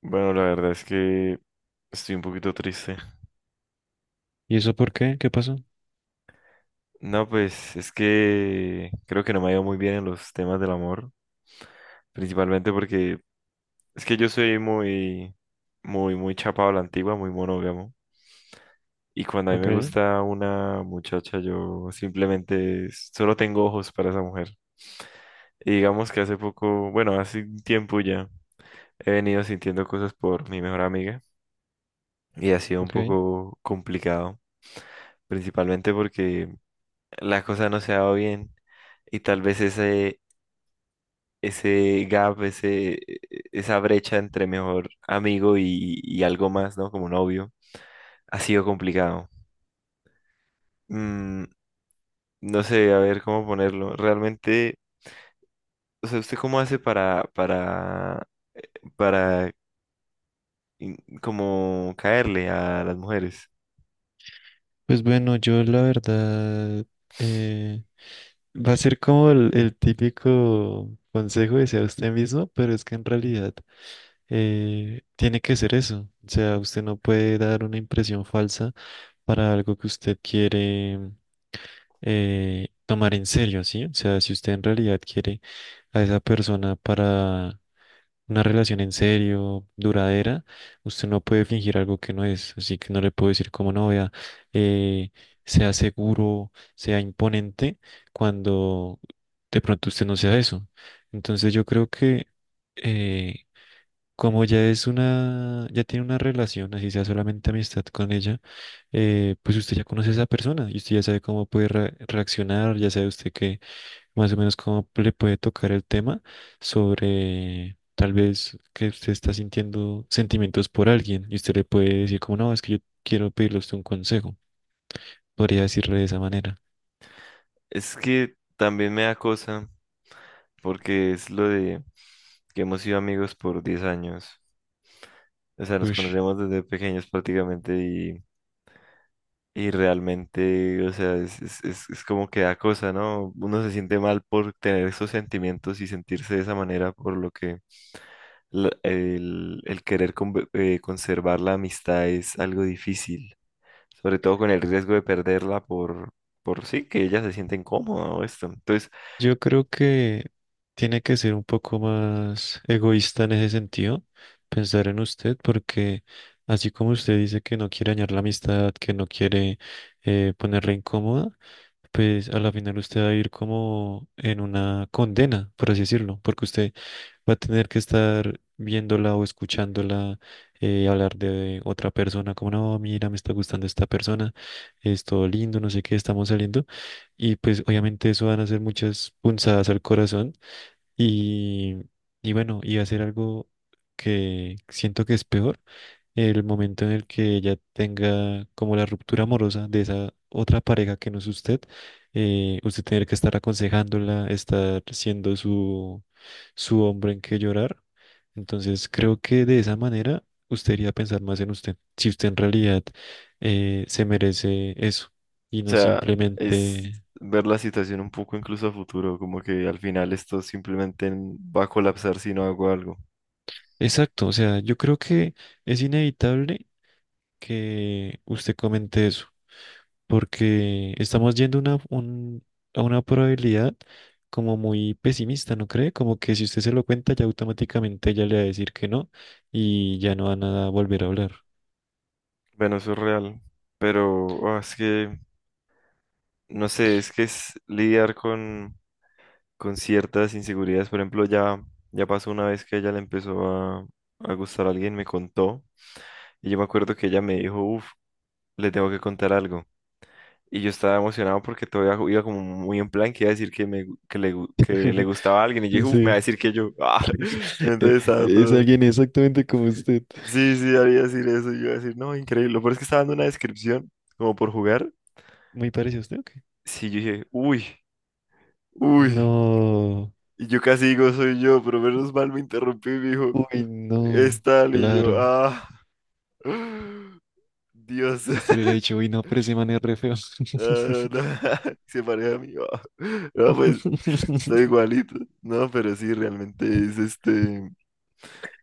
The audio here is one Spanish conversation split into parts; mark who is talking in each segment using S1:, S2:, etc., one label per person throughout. S1: Bueno, la verdad es que estoy un poquito triste.
S2: ¿Y eso por qué? ¿Qué pasó?
S1: No, pues es que creo que no me ha ido muy bien en los temas del amor, principalmente porque es que yo soy muy, muy, muy chapado a la antigua, muy monógamo. Y cuando a mí
S2: Ok,
S1: me gusta una muchacha, yo simplemente solo tengo ojos para esa mujer. Y digamos que hace poco, bueno, hace un tiempo ya, he venido sintiendo cosas por mi mejor amiga y ha sido un
S2: ok.
S1: poco complicado, principalmente porque la cosa no se daba bien, y tal vez ese gap, esa brecha entre mejor amigo y algo más, ¿no? Como novio, ha sido complicado. Mm, no sé, a ver cómo ponerlo. Realmente, o sea, ¿usted cómo hace para in- como caerle a las mujeres?
S2: Pues bueno, yo la verdad eh, va a ser como el típico consejo de sea usted mismo, pero es que en realidad, tiene que ser eso. O sea, usted no puede dar una impresión falsa para algo que usted quiere tomar en serio, ¿sí? O sea, si usted en realidad quiere a esa persona para una relación en serio, duradera, usted no puede fingir algo que no es, así que no le puedo decir como novia, eh, sea seguro, sea imponente, cuando de pronto usted no sea eso. Entonces yo creo que, eh, como ya es una, ya tiene una relación, así sea solamente amistad con ella, pues usted ya conoce a esa persona y usted ya sabe cómo puede reaccionar, ya sabe usted que más o menos cómo le puede tocar el tema sobre tal vez que usted está sintiendo sentimientos por alguien y usted le puede decir como, no, es que yo quiero pedirle a usted un consejo. Podría decirle de esa manera.
S1: Es que también me da cosa porque es lo de que hemos sido amigos por 10 años. O sea, nos
S2: Ush.
S1: conocemos desde pequeños prácticamente, y realmente, o sea, es como que da cosa, ¿no? Uno se siente mal por tener esos sentimientos y sentirse de esa manera, por lo que el querer conservar la amistad es algo difícil, sobre todo con el riesgo de perderla por sí, que ella se siente incómoda o esto. Entonces,
S2: Yo creo que tiene que ser un poco más egoísta en ese sentido, pensar en usted, porque así como usted dice que no quiere dañar la amistad, que no quiere, ponerla incómoda, pues a la final usted va a ir como en una condena, por así decirlo, porque usted va a tener que estar viéndola o escuchándola hablar de otra persona, como no, mira, me está gustando esta persona, es todo lindo, no sé qué, estamos saliendo. Y pues obviamente eso van a ser muchas punzadas al corazón y, y bueno, y hacer algo que siento que es peor el momento en el que ella tenga como la ruptura amorosa de esa otra pareja que no es usted, usted tener que estar aconsejándola, estar siendo su, su hombre en que llorar. Entonces creo que de esa manera usted iría a pensar más en usted, si usted en realidad se merece eso y
S1: o
S2: no
S1: sea, es
S2: simplemente...
S1: ver la situación un poco incluso a futuro, como que al final esto simplemente va a colapsar si no hago algo.
S2: Exacto, o sea, yo creo que es inevitable que usted comente eso, porque estamos yendo una, a una probabilidad como muy pesimista, ¿no cree? Como que si usted se lo cuenta, ya automáticamente ella le va a decir que no y ya no van a volver a hablar.
S1: Bueno, eso es real, pero es que no sé, es que es lidiar con ciertas inseguridades. Por ejemplo, ya pasó una vez que ella le empezó a gustar a alguien, me contó, y yo me acuerdo que ella me dijo, uff, le tengo que contar algo. Y yo estaba emocionado porque todavía iba como muy en plan que iba a decir que, me, gu- que le gustaba a alguien, y yo dije, uff, me va a
S2: Sí.
S1: decir que yo,
S2: Eh,
S1: entonces estaba
S2: es
S1: todo,
S2: alguien exactamente como usted.
S1: sí, sí, haría decir eso, y yo iba a decir, no, increíble, lo peor es que estaba dando una descripción, como por jugar,
S2: ¿Muy parecido a usted o qué?
S1: sí, yo dije, uy. Uy,
S2: No.
S1: y yo casi digo soy yo, pero menos mal me interrumpí, me dijo,
S2: Uy,
S1: es
S2: no.
S1: tal, y yo,
S2: Claro.
S1: Dios.
S2: Y usted le hubiera dicho, uy, no, pero ese man es re feo.
S1: Ah, no. Se parece a mí, ah. No, pues, estoy igualito. No, pero sí, realmente es este,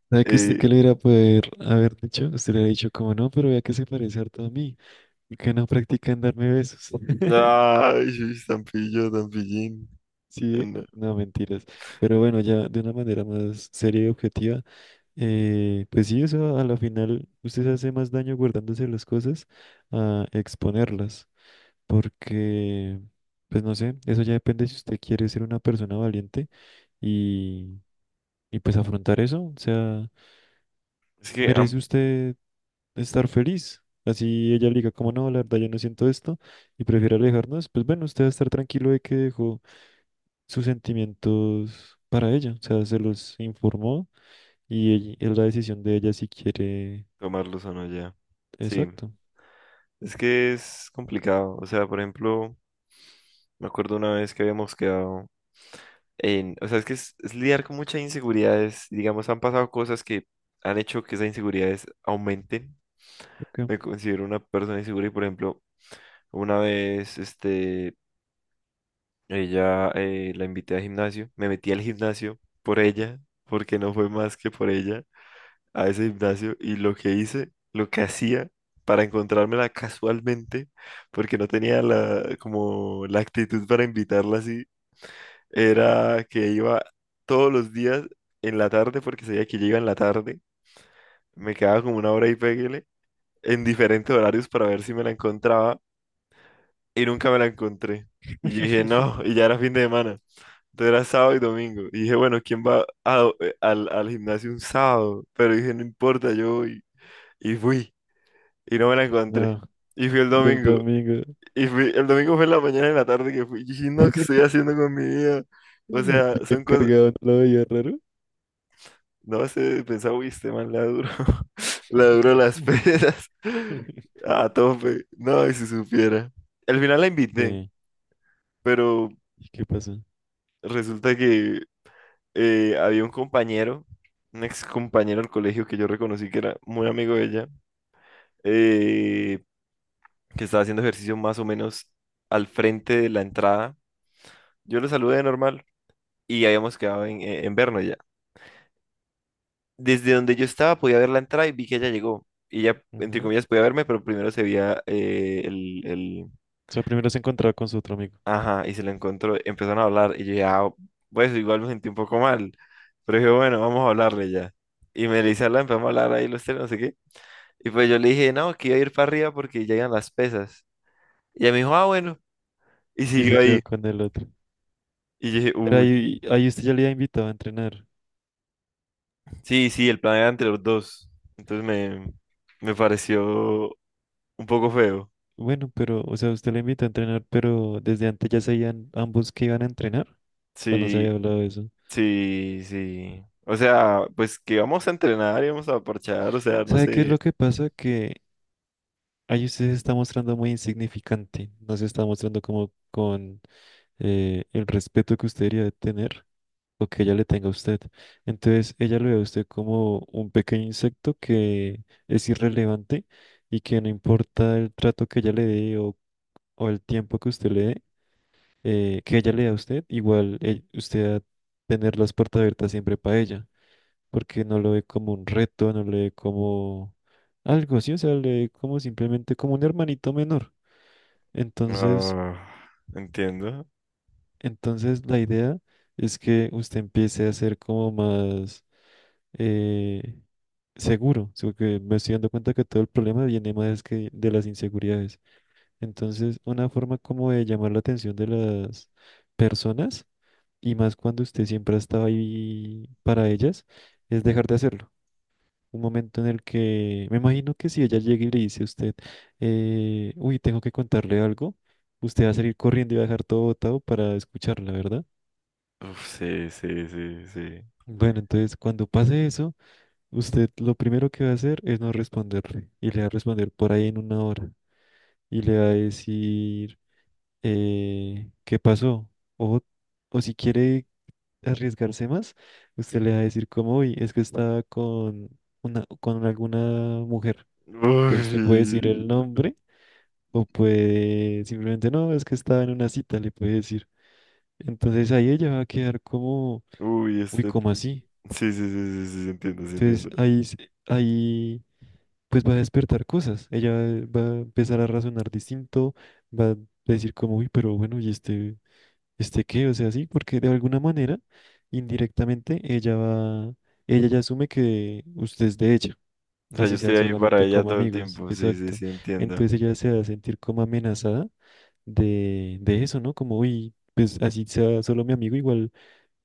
S2: ¿Sabe que usted qué
S1: eh,
S2: le iba a poder haber dicho? Usted le ha dicho como no, pero vea que se parece harto a mí, ¿y que no practican darme besos?
S1: ay, sí, tan pillo, tan pillín.
S2: Sí,
S1: Ah,
S2: ¿eh?
S1: no.
S2: No, mentiras. Pero bueno, ya de una manera más seria y objetiva, pues sí, eso a la final usted se hace más daño guardándose las cosas a exponerlas. Porque, pues no sé, eso ya depende si usted quiere ser una persona valiente y, y pues afrontar eso. O sea,
S1: Es que,
S2: merece usted estar feliz. Así ella le diga, como no, la verdad yo no siento esto y prefiere alejarnos, pues bueno, usted va a estar tranquilo de que dejó sus sentimientos para ella, o sea, se los informó y es la decisión de ella si quiere.
S1: tomarlos o no ya. Sí,
S2: Exacto.
S1: es que es complicado, o sea, por ejemplo, me acuerdo una vez que habíamos quedado o sea, es que es lidiar con muchas inseguridades. Digamos, han pasado cosas que han hecho que esas inseguridades aumenten.
S2: Ok.
S1: Me considero una persona insegura y, por ejemplo, una vez, este, ella la invité al gimnasio, me metí al gimnasio por ella, porque no fue más que por ella, a ese gimnasio, y lo que hice, lo que hacía para encontrármela casualmente, porque no tenía la, como la actitud para invitarla así, era que iba todos los días en la tarde, porque sabía que llega en la tarde, me quedaba como una hora y péguele, en diferentes horarios para ver si me la encontraba, y nunca me la encontré. Y yo dije, no, y ya era fin de semana. Entonces era sábado y domingo. Y dije, bueno, ¿quién va al gimnasio un sábado? Pero dije, no importa, yo voy. Y fui, y no me la encontré.
S2: Ah,
S1: Y fui el
S2: y el
S1: domingo.
S2: domingo,
S1: Y fui, el domingo fue en la mañana y en la tarde que fui. Y dije, no, ¿qué estoy haciendo con mi vida? O
S2: el
S1: sea, son cosas.
S2: encargado no lo veía raro.
S1: No, se pensaba, uy, este man la duro, la duro las peras. A tope. No, y si supiera. Al final la invité,
S2: ¿Qué?
S1: pero
S2: ¿Y qué pasó?
S1: resulta que había un compañero, un ex compañero del colegio que yo reconocí que era muy amigo de ella, eh, que estaba haciendo ejercicio más o menos al frente de la entrada. Yo lo saludé normal y habíamos quedado en vernos ya. Desde donde yo estaba podía ver la entrada y vi que ella llegó. Y ella, entre
S2: Ujú.
S1: comillas, podía verme, pero primero se veía.
S2: O sea, primero se encontraba con su otro amigo
S1: Ajá, y se lo encontró. Empezaron a hablar y yo dije, ah, pues igual me sentí un poco mal. Pero dije, bueno, vamos a hablarle ya. Y me dice, hablar, empezamos a hablar ahí los tres, no sé qué. Y pues yo le dije, no, que iba a ir para arriba porque llegan las pesas. Y ella me dijo, ah, bueno. Y
S2: y se
S1: siguió ahí.
S2: quedó con el otro.
S1: Y yo dije,
S2: Pero
S1: uy.
S2: ahí, ahí usted ya le había invitado a entrenar.
S1: Sí, sí, el plan era entre los dos. Entonces me pareció un poco feo.
S2: Bueno, pero, o sea, usted le invita a entrenar, pero desde antes ya sabían ambos que iban a entrenar, o no se
S1: Sí,
S2: había hablado de eso.
S1: sí, sí. O sea, pues que vamos a entrenar y vamos a parchar, o sea, no
S2: ¿Sabe qué es lo
S1: sé.
S2: que pasa? Que ahí usted se está mostrando muy insignificante, no se está mostrando como con, el respeto que usted debería de tener o que ella le tenga a usted. Entonces, ella lo ve a usted como un pequeño insecto que es irrelevante y que no importa el trato que ella le dé o el tiempo que usted le dé, que ella le da a usted, igual, usted a tener las puertas abiertas siempre para ella, porque no lo ve como un reto, no lo ve como algo, sí, o sea, le ve como simplemente como un hermanito menor. Entonces,
S1: Ah, entiendo.
S2: entonces la idea es que usted empiece a ser como más, eh, seguro, sino que me estoy dando cuenta que todo el problema viene más que de las inseguridades. Entonces, una forma como de llamar la atención de las personas y más cuando usted siempre ha estado ahí para ellas, es dejar de hacerlo. Un momento en el que me imagino que si ella llega y le dice a usted, uy, tengo que contarle algo, usted va a salir corriendo y va a dejar todo botado para escucharla, ¿verdad?
S1: Uf, sí, sí, sí, sí.
S2: Bueno, entonces cuando pase eso, usted lo primero que va a hacer es no responderle y le va a responder por ahí en una hora y le va a decir, qué pasó o, o si quiere arriesgarse más, usted le va a decir como, uy, es que estaba con una, con alguna mujer.
S1: Uy,
S2: Pues usted puede decir el nombre o puede simplemente, no, es que estaba en una cita, le puede decir. Entonces ahí ella va a quedar como,
S1: uy,
S2: uy,
S1: este...
S2: ¿cómo así?
S1: Sí, sí, sí, sí, sí, sí, entiendo, sí,
S2: Entonces
S1: entiendo.
S2: ahí, ahí pues va a despertar cosas. Ella va a empezar a razonar distinto, va a decir como, uy, pero bueno, ¿y este? Este qué, o sea, sí, porque de alguna manera, indirectamente, ella va, ella ya asume que usted es de ella,
S1: O sea, yo
S2: así
S1: estoy
S2: sean
S1: ahí para
S2: solamente
S1: ella
S2: como
S1: todo el
S2: amigos,
S1: tiempo, sí, sí,
S2: exacto.
S1: sí, entiendo.
S2: Entonces ella se va a sentir como amenazada de eso, ¿no? Como, uy, pues así sea solo mi amigo, igual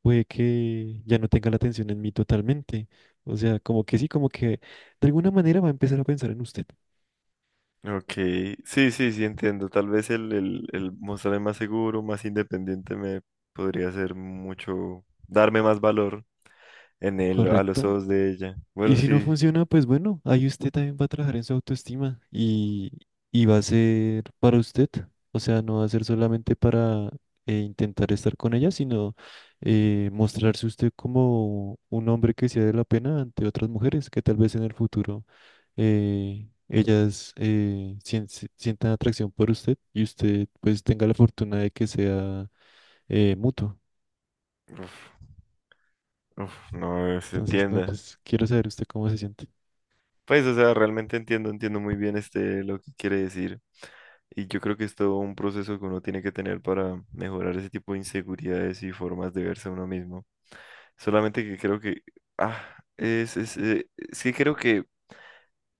S2: puede que ya no tenga la atención en mí totalmente. O sea, como que sí, como que de alguna manera va a empezar a pensar en usted,
S1: Ok, sí, sí, sí, entiendo. Tal vez el mostrarme más seguro, más independiente me podría hacer mucho, darme más valor en él, a los
S2: ¿correcto?
S1: ojos de ella.
S2: Y
S1: Bueno,
S2: si no
S1: sí.
S2: funciona, pues bueno, ahí usted también va a trabajar en su autoestima y va a ser para usted. O sea, no va a ser solamente para, intentar estar con ella, sino, mostrarse usted como un hombre que sea de la pena ante otras mujeres que tal vez en el futuro, ellas, sientan atracción por usted y usted pues tenga la fortuna de que sea, mutuo.
S1: Uf, uf, no se
S2: Entonces, no,
S1: entienda.
S2: pues quiero saber usted cómo se siente.
S1: Pues, o sea, realmente entiendo, entiendo muy bien este lo que quiere decir. Y yo creo que es todo un proceso que uno tiene que tener para mejorar ese tipo de inseguridades y formas de verse a uno mismo. Solamente que creo que, ah, es que creo que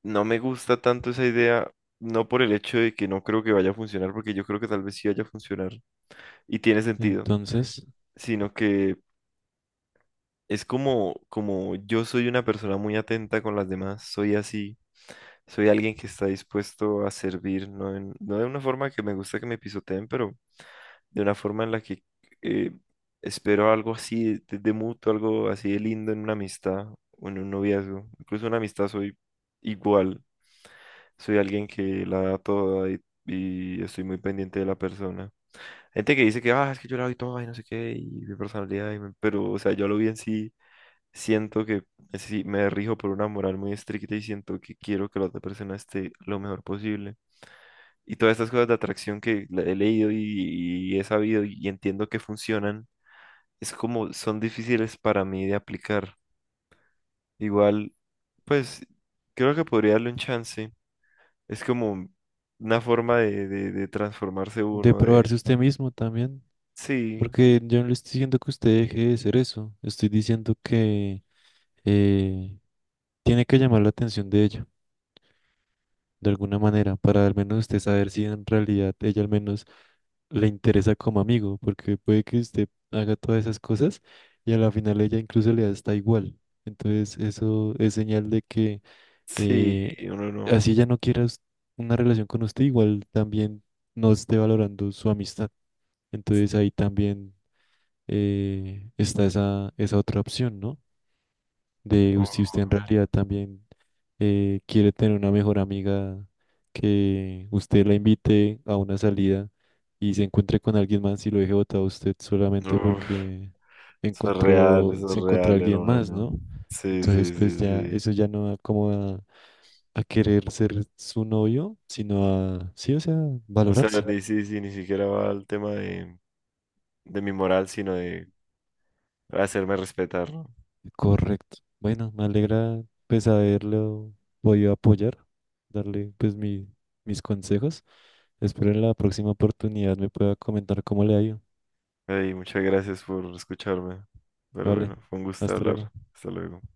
S1: no me gusta tanto esa idea, no por el hecho de que no creo que vaya a funcionar, porque yo creo que tal vez sí vaya a funcionar y tiene sentido,
S2: Entonces...
S1: sino que es como, como yo soy una persona muy atenta con las demás, soy así. Soy alguien que está dispuesto a servir. No, no de una forma que me gusta que me pisoteen, pero de una forma en la que eh, espero algo así de mutuo, algo así de lindo en una amistad o en un noviazgo. Incluso en una amistad soy igual. Soy alguien que la da toda, y estoy muy pendiente de la persona. Gente que dice que, ah, es que yo la doy toda y no sé qué, y mi personalidad, y mi-". Pero, o sea, yo a lo bien sí siento que sí, me rijo por una moral muy estricta y siento que quiero que la otra persona esté lo mejor posible, y todas estas cosas de atracción que he leído y he sabido y entiendo que funcionan, es como son difíciles para mí de aplicar. Igual, pues creo que podría darle un chance. Es como una forma de transformarse
S2: de
S1: uno.
S2: probarse usted mismo también,
S1: Sí,
S2: porque yo no le estoy diciendo que usted deje de ser eso, estoy diciendo que, eh, tiene que llamar la atención de ella, de alguna manera, para al menos usted saber si en realidad ella al menos le interesa como amigo, porque puede que usted haga todas esas cosas y a la final ella incluso le da hasta igual. Entonces eso es señal de que,
S1: sí,
S2: eh,
S1: uno no.
S2: así ella no quiera una relación con usted, igual también no esté valorando su amistad. Entonces ahí también, está esa, esa otra opción, ¿no? De
S1: Uf,
S2: si usted en realidad también, quiere tener una mejor amiga, que usted la invite a una salida y se encuentre con alguien más y lo deje botado a usted solamente
S1: uf,
S2: porque encontró,
S1: eso es
S2: se encontró
S1: real,
S2: alguien más,
S1: hermano.
S2: ¿no?
S1: Sí,
S2: Entonces,
S1: sí,
S2: pues
S1: sí,
S2: ya,
S1: sí.
S2: eso ya no da como a querer ser su novio, sino a, sí, o sea,
S1: O sea,
S2: valorarse.
S1: ni, sí, sí, ni siquiera va al tema de mi moral, sino de hacerme respetar, ¿no?
S2: Correcto. Bueno, me alegra pues haberlo podido apoyar, darle pues mi, mis consejos. Espero en la próxima oportunidad me pueda comentar cómo le ha ido.
S1: Hey, muchas gracias por escucharme. Pero
S2: Vale,
S1: bueno, fue un gusto
S2: hasta luego.
S1: hablar. Hasta luego.